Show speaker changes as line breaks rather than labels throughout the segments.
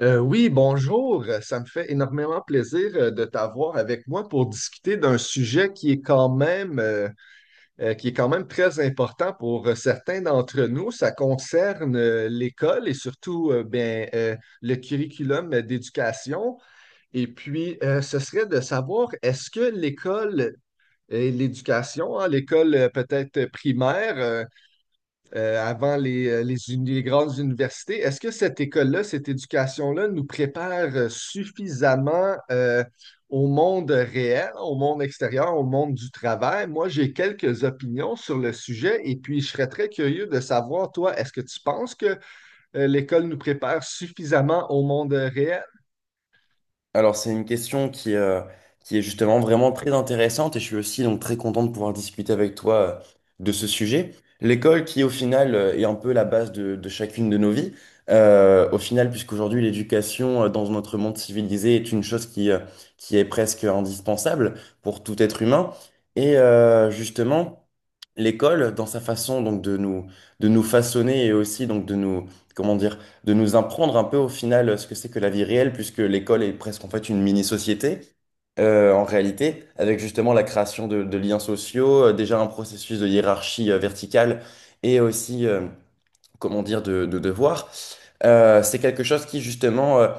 Oui, bonjour. Ça me fait énormément plaisir de t'avoir avec moi pour discuter d'un sujet qui est quand même, qui est quand même très important pour certains d'entre nous. Ça concerne l'école et surtout le curriculum d'éducation. Et puis, ce serait de savoir, est-ce que l'école et l'éducation, hein, l'école peut-être primaire, avant les les grandes universités. Est-ce que cette école-là, cette éducation-là nous prépare suffisamment au monde réel, au monde extérieur, au monde du travail? Moi, j'ai quelques opinions sur le sujet et puis je serais très curieux de savoir, toi, est-ce que tu penses que l'école nous prépare suffisamment au monde réel?
Alors, c'est une question qui est justement vraiment très intéressante et je suis aussi donc très content de pouvoir discuter avec toi de ce sujet. L'école qui, au final, est un peu la base de chacune de nos vies. Au final, puisqu'aujourd'hui, l'éducation dans notre monde civilisé est une chose qui est presque indispensable pour tout être humain. Et justement, l'école, dans sa façon donc de nous façonner et aussi donc de nous, comment dire, de nous apprendre un peu au final ce que c'est que la vie réelle, puisque l'école est presque en fait une mini-société, en réalité, avec justement la création de liens sociaux, déjà un processus de hiérarchie verticale et aussi, comment dire, de devoir. C'est quelque chose qui, justement,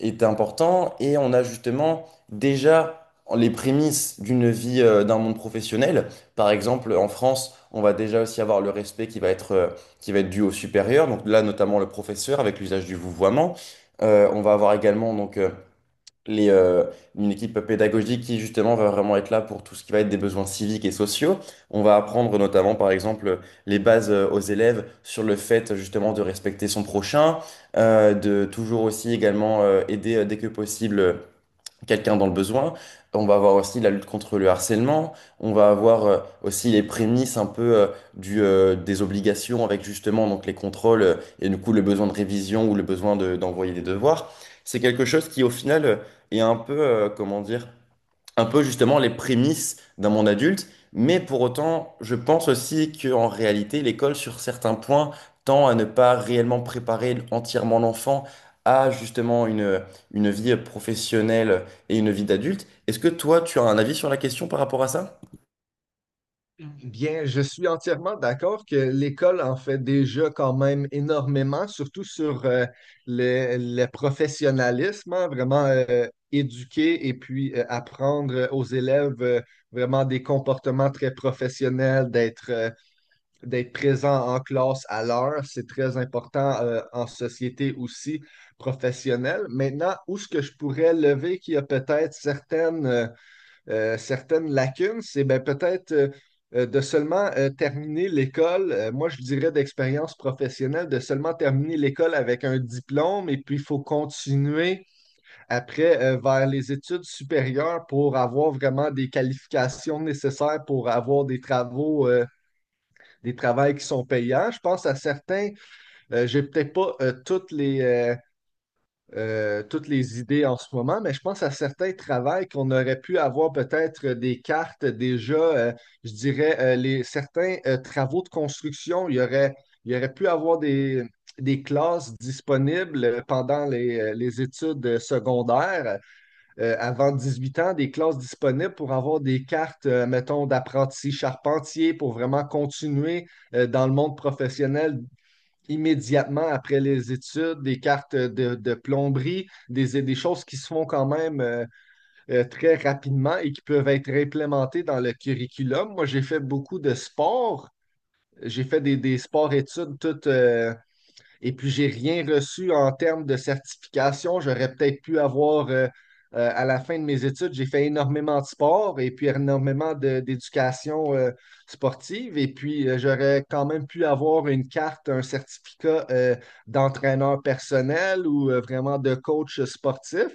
est important et on a justement déjà les prémices d'une vie, d'un monde professionnel. Par exemple, en France, on va déjà aussi avoir le respect qui va être dû au supérieur, donc là, notamment le professeur avec l'usage du vouvoiement. On va avoir également donc, les, euh, une équipe pédagogique qui justement va vraiment être là pour tout ce qui va être des besoins civiques et sociaux. On va apprendre notamment par exemple les bases aux élèves sur le fait justement de respecter son prochain, de toujours aussi également aider dès que possible quelqu'un dans le besoin. On va avoir aussi la lutte contre le harcèlement. On va avoir aussi les prémices un peu des obligations avec justement donc les contrôles et du coup le besoin de révision ou le besoin d'envoyer des devoirs. C'est quelque chose qui au final est un peu, comment dire, un peu justement les prémices d'un monde adulte, mais pour autant, je pense aussi qu'en réalité, l'école, sur certains points, tend à ne pas réellement préparer entièrement l'enfant à justement une vie professionnelle et une vie d'adulte. Est-ce que toi, tu as un avis sur la question par rapport à ça?
Bien, je suis entièrement d'accord que l'école en fait déjà quand même énormément, surtout sur le professionnalisme, hein, vraiment éduquer et puis apprendre aux élèves vraiment des comportements très professionnels, d'être présent en classe à l'heure, c'est très important en société aussi professionnelle. Maintenant, où est-ce que je pourrais lever qu'il y a peut-être certaines certaines lacunes, c'est ben, peut-être de seulement terminer l'école, moi je dirais d'expérience professionnelle, de seulement terminer l'école avec un diplôme et puis il faut continuer après vers les études supérieures pour avoir vraiment des qualifications nécessaires pour avoir des travaux, des travails qui sont payants. Je pense à certains, j'ai peut-être pas toutes les toutes les idées en ce moment, mais je pense à certains travails qu'on aurait pu avoir peut-être des cartes déjà, je dirais, certains travaux de construction, il y aurait pu avoir des classes disponibles pendant les études secondaires, avant 18 ans, des classes disponibles pour avoir des cartes, mettons, d'apprenti charpentier pour vraiment continuer dans le monde professionnel immédiatement après les études, des cartes de plomberie, des choses qui se font quand même très rapidement et qui peuvent être implémentées dans le curriculum. Moi, j'ai fait beaucoup de sports. J'ai fait des sports-études toute, et puis, j'ai rien reçu en termes de certification. J'aurais peut-être pu avoir, à la fin de mes études, j'ai fait énormément de sport et puis énormément d'éducation sportive. Et puis, j'aurais quand même pu avoir une carte, un certificat d'entraîneur personnel ou vraiment de coach sportif.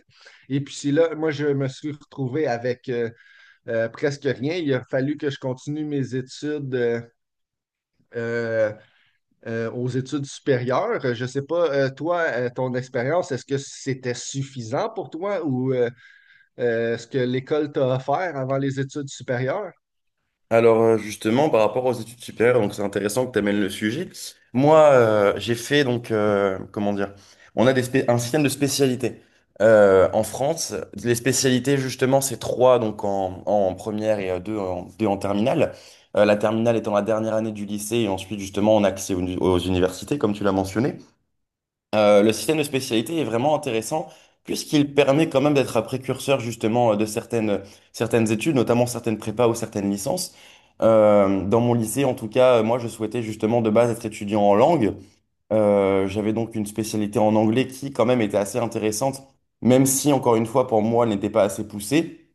Et puis, c'est là, moi, je me suis retrouvé avec presque rien. Il a fallu que je continue mes études. Euh, aux études supérieures. Je ne sais pas, ton expérience, est-ce que c'était suffisant pour toi ou est-ce que l'école t'a offert avant les études supérieures?
Alors, justement, par rapport aux études supérieures, donc c'est intéressant que tu amènes le sujet. Moi, j'ai fait donc, comment dire, on a un système de spécialités. En France, les spécialités, justement, c'est trois donc en première et deux en terminale. La terminale étant la dernière année du lycée et ensuite, justement, on a accès aux universités, comme tu l'as mentionné. Le système de spécialité est vraiment intéressant puisqu'il permet quand même d'être un précurseur justement de certaines études, notamment certaines prépas ou certaines licences. Dans mon lycée, en tout cas, moi, je souhaitais justement de base être étudiant en langue. J'avais donc une spécialité en anglais qui quand même était assez intéressante, même si, encore une fois, pour moi, elle n'était pas assez poussée.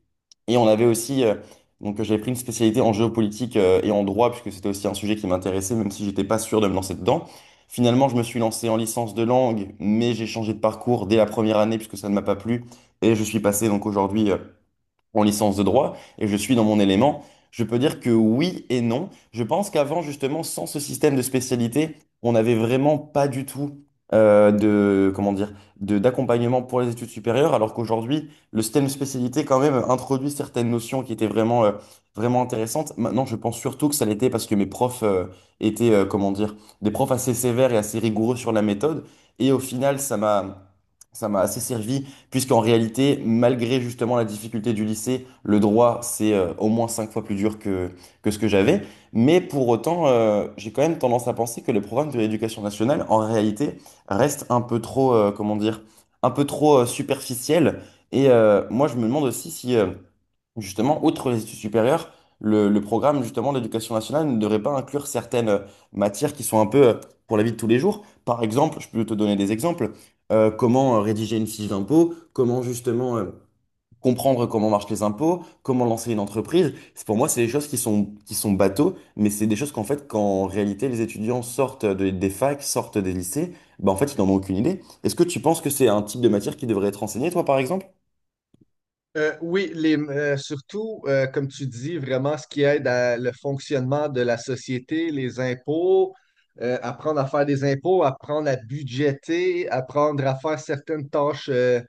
Et on avait aussi, donc j'avais pris une spécialité en géopolitique et en droit, puisque c'était aussi un sujet qui m'intéressait, même si j'étais pas sûr de me lancer dedans. Finalement, je me suis lancé en licence de langue, mais j'ai changé de parcours dès la première année, puisque ça ne m'a pas plu. Et je suis passé donc aujourd'hui en licence de droit et je suis dans mon élément. Je peux dire que oui et non. Je pense qu'avant, justement, sans ce système de spécialité, on n'avait vraiment pas du tout de, comment dire, d'accompagnement pour les études supérieures, alors qu'aujourd'hui, le système de spécialité, quand même, introduit certaines notions qui étaient vraiment intéressantes. Maintenant, je pense surtout que ça l'était parce que mes profs étaient, comment dire, des profs assez sévères et assez rigoureux sur la méthode. Et au final, ça m'a assez servi puisqu'en réalité, malgré justement la difficulté du lycée, le droit, c'est au moins cinq fois plus dur que ce que j'avais. Mais pour autant, j'ai quand même tendance à penser que les programmes de l'éducation nationale, en réalité, restent un peu trop, comment dire, un peu trop superficiels. Et moi, je me demande aussi si. Justement, outre les études supérieures, le programme justement d'éducation nationale ne devrait pas inclure certaines matières qui sont un peu pour la vie de tous les jours. Par exemple, je peux te donner des exemples comment rédiger une fiche d'impôt, comment justement comprendre comment marchent les impôts, comment lancer une entreprise. Pour moi, c'est des choses qui sont bateaux, mais c'est des choses qu'en fait, quand en réalité les étudiants sortent des facs, sortent des lycées, bah, en fait, ils n'en ont aucune idée. Est-ce que tu penses que c'est un type de matière qui devrait être enseigné, toi, par exemple?
Oui, comme tu dis, vraiment ce qui aide à le fonctionnement de la société, les impôts, apprendre à faire des impôts, apprendre à budgéter, apprendre à faire certaines tâches, euh,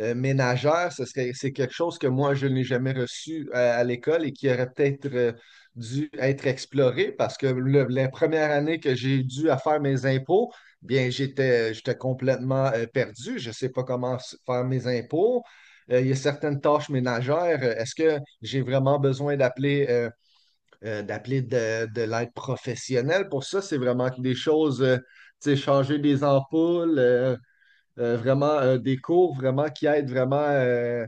euh, ménagère, c'est quelque chose que moi, je n'ai jamais reçu à, l'école et qui aurait peut-être dû être exploré parce que la première année que j'ai dû à faire mes impôts, bien, j'étais complètement perdu. Je ne sais pas comment faire mes impôts. Il y a certaines tâches ménagères. Est-ce que j'ai vraiment besoin d'appeler d'appeler de l'aide professionnelle? Pour ça, c'est vraiment des choses, tu sais, changer des ampoules. Vraiment des cours vraiment qui aident vraiment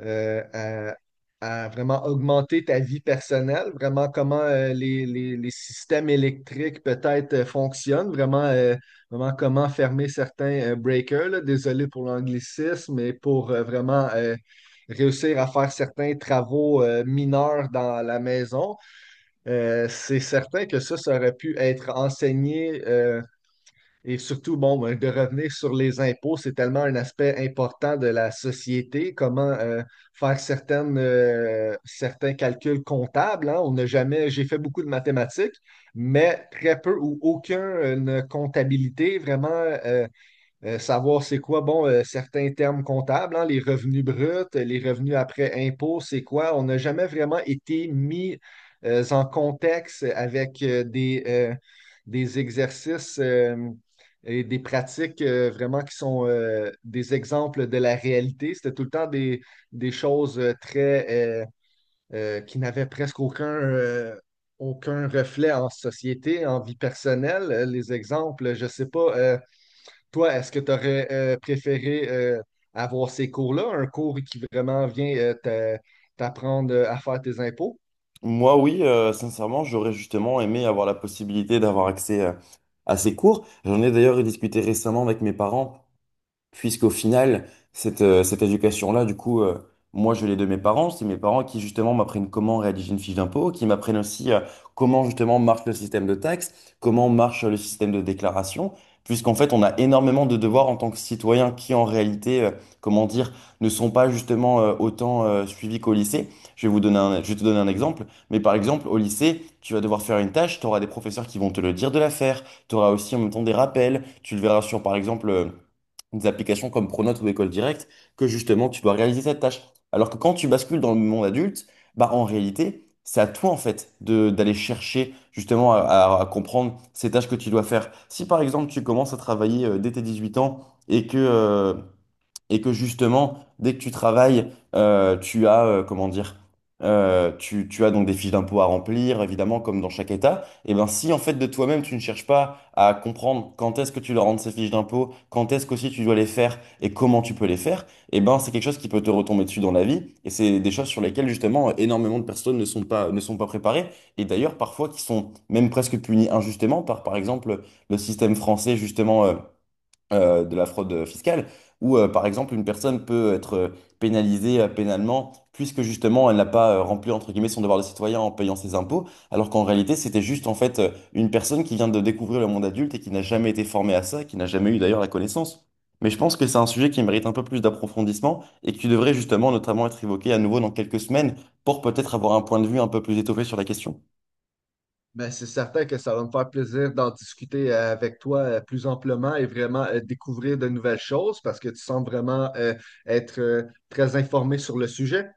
euh, à, à vraiment augmenter ta vie personnelle, vraiment comment les systèmes électriques peut-être fonctionnent, vraiment comment fermer certains breakers, là. Désolé pour l'anglicisme, mais pour vraiment réussir à faire certains travaux mineurs dans la maison. C'est certain que ça aurait pu être enseigné. Et surtout, bon, ben, de revenir sur les impôts, c'est tellement un aspect important de la société. Comment faire certains calculs comptables, hein. On n'a jamais, j'ai fait beaucoup de mathématiques, mais très peu ou aucune comptabilité vraiment savoir c'est quoi, bon, certains termes comptables, hein, les revenus bruts, les revenus après impôts, c'est quoi? On n'a jamais vraiment été mis en contexte avec des exercices et des pratiques vraiment qui sont des exemples de la réalité. C'était tout le temps des choses très euh, qui n'avaient presque aucun, aucun reflet en société, en vie personnelle. Les exemples, je ne sais pas. Toi, est-ce que tu aurais préféré avoir ces cours-là, un cours qui vraiment vient t'apprendre à faire tes impôts?
Moi, oui, sincèrement, j'aurais justement aimé avoir la possibilité d'avoir accès à ces cours. J'en ai d'ailleurs discuté récemment avec mes parents puisqu'au final, cette éducation-là, du coup, moi, je l'ai de mes parents. C'est mes parents qui, justement, m'apprennent comment rédiger une fiche d'impôt, qui m'apprennent aussi comment, justement, marche le système de taxes, comment marche le système de déclaration, puisqu'en fait, on a énormément de devoirs en tant que citoyen qui, en réalité, comment dire, ne sont pas, justement, autant suivis qu'au lycée. Je vais te donner un exemple. Mais par exemple, au lycée, tu vas devoir faire une tâche, tu auras des professeurs qui vont te le dire de la faire, tu auras aussi en même temps des rappels, tu le verras sur, par exemple, des applications comme Pronote ou École Directe, que justement tu dois réaliser cette tâche. Alors que quand tu bascules dans le monde adulte, bah en réalité, c'est à toi en fait de d'aller chercher justement à comprendre ces tâches que tu dois faire. Si par exemple tu commences à travailler dès tes 18 ans et que euh, et que justement, dès que tu travailles, tu as, comment dire, tu as donc des fiches d'impôts à remplir, évidemment, comme dans chaque État, et bien si en fait de toi-même, tu ne cherches pas à comprendre quand est-ce que tu dois rendre ces fiches d'impôts, quand est-ce qu'aussi tu dois les faire et comment tu peux les faire, et ben c'est quelque chose qui peut te retomber dessus dans la vie, et c'est des choses sur lesquelles justement énormément de personnes ne sont pas préparées, et d'ailleurs parfois qui sont même presque punies injustement par exemple, le système français justement, de la fraude fiscale, où par exemple une personne peut être pénalisée pénalement puisque justement elle n'a pas rempli entre guillemets son devoir de citoyen en payant ses impôts, alors qu'en réalité c'était juste en fait une personne qui vient de découvrir le monde adulte et qui n'a jamais été formée à ça, qui n'a jamais eu d'ailleurs la connaissance. Mais je pense que c'est un sujet qui mérite un peu plus d'approfondissement et qui devrait justement notamment être évoqué à nouveau dans quelques semaines pour peut-être avoir un point de vue un peu plus étoffé sur la question.
Ben, c'est certain que ça va me faire plaisir d'en discuter avec toi plus amplement et vraiment découvrir de nouvelles choses parce que tu sembles vraiment être très informé sur le sujet.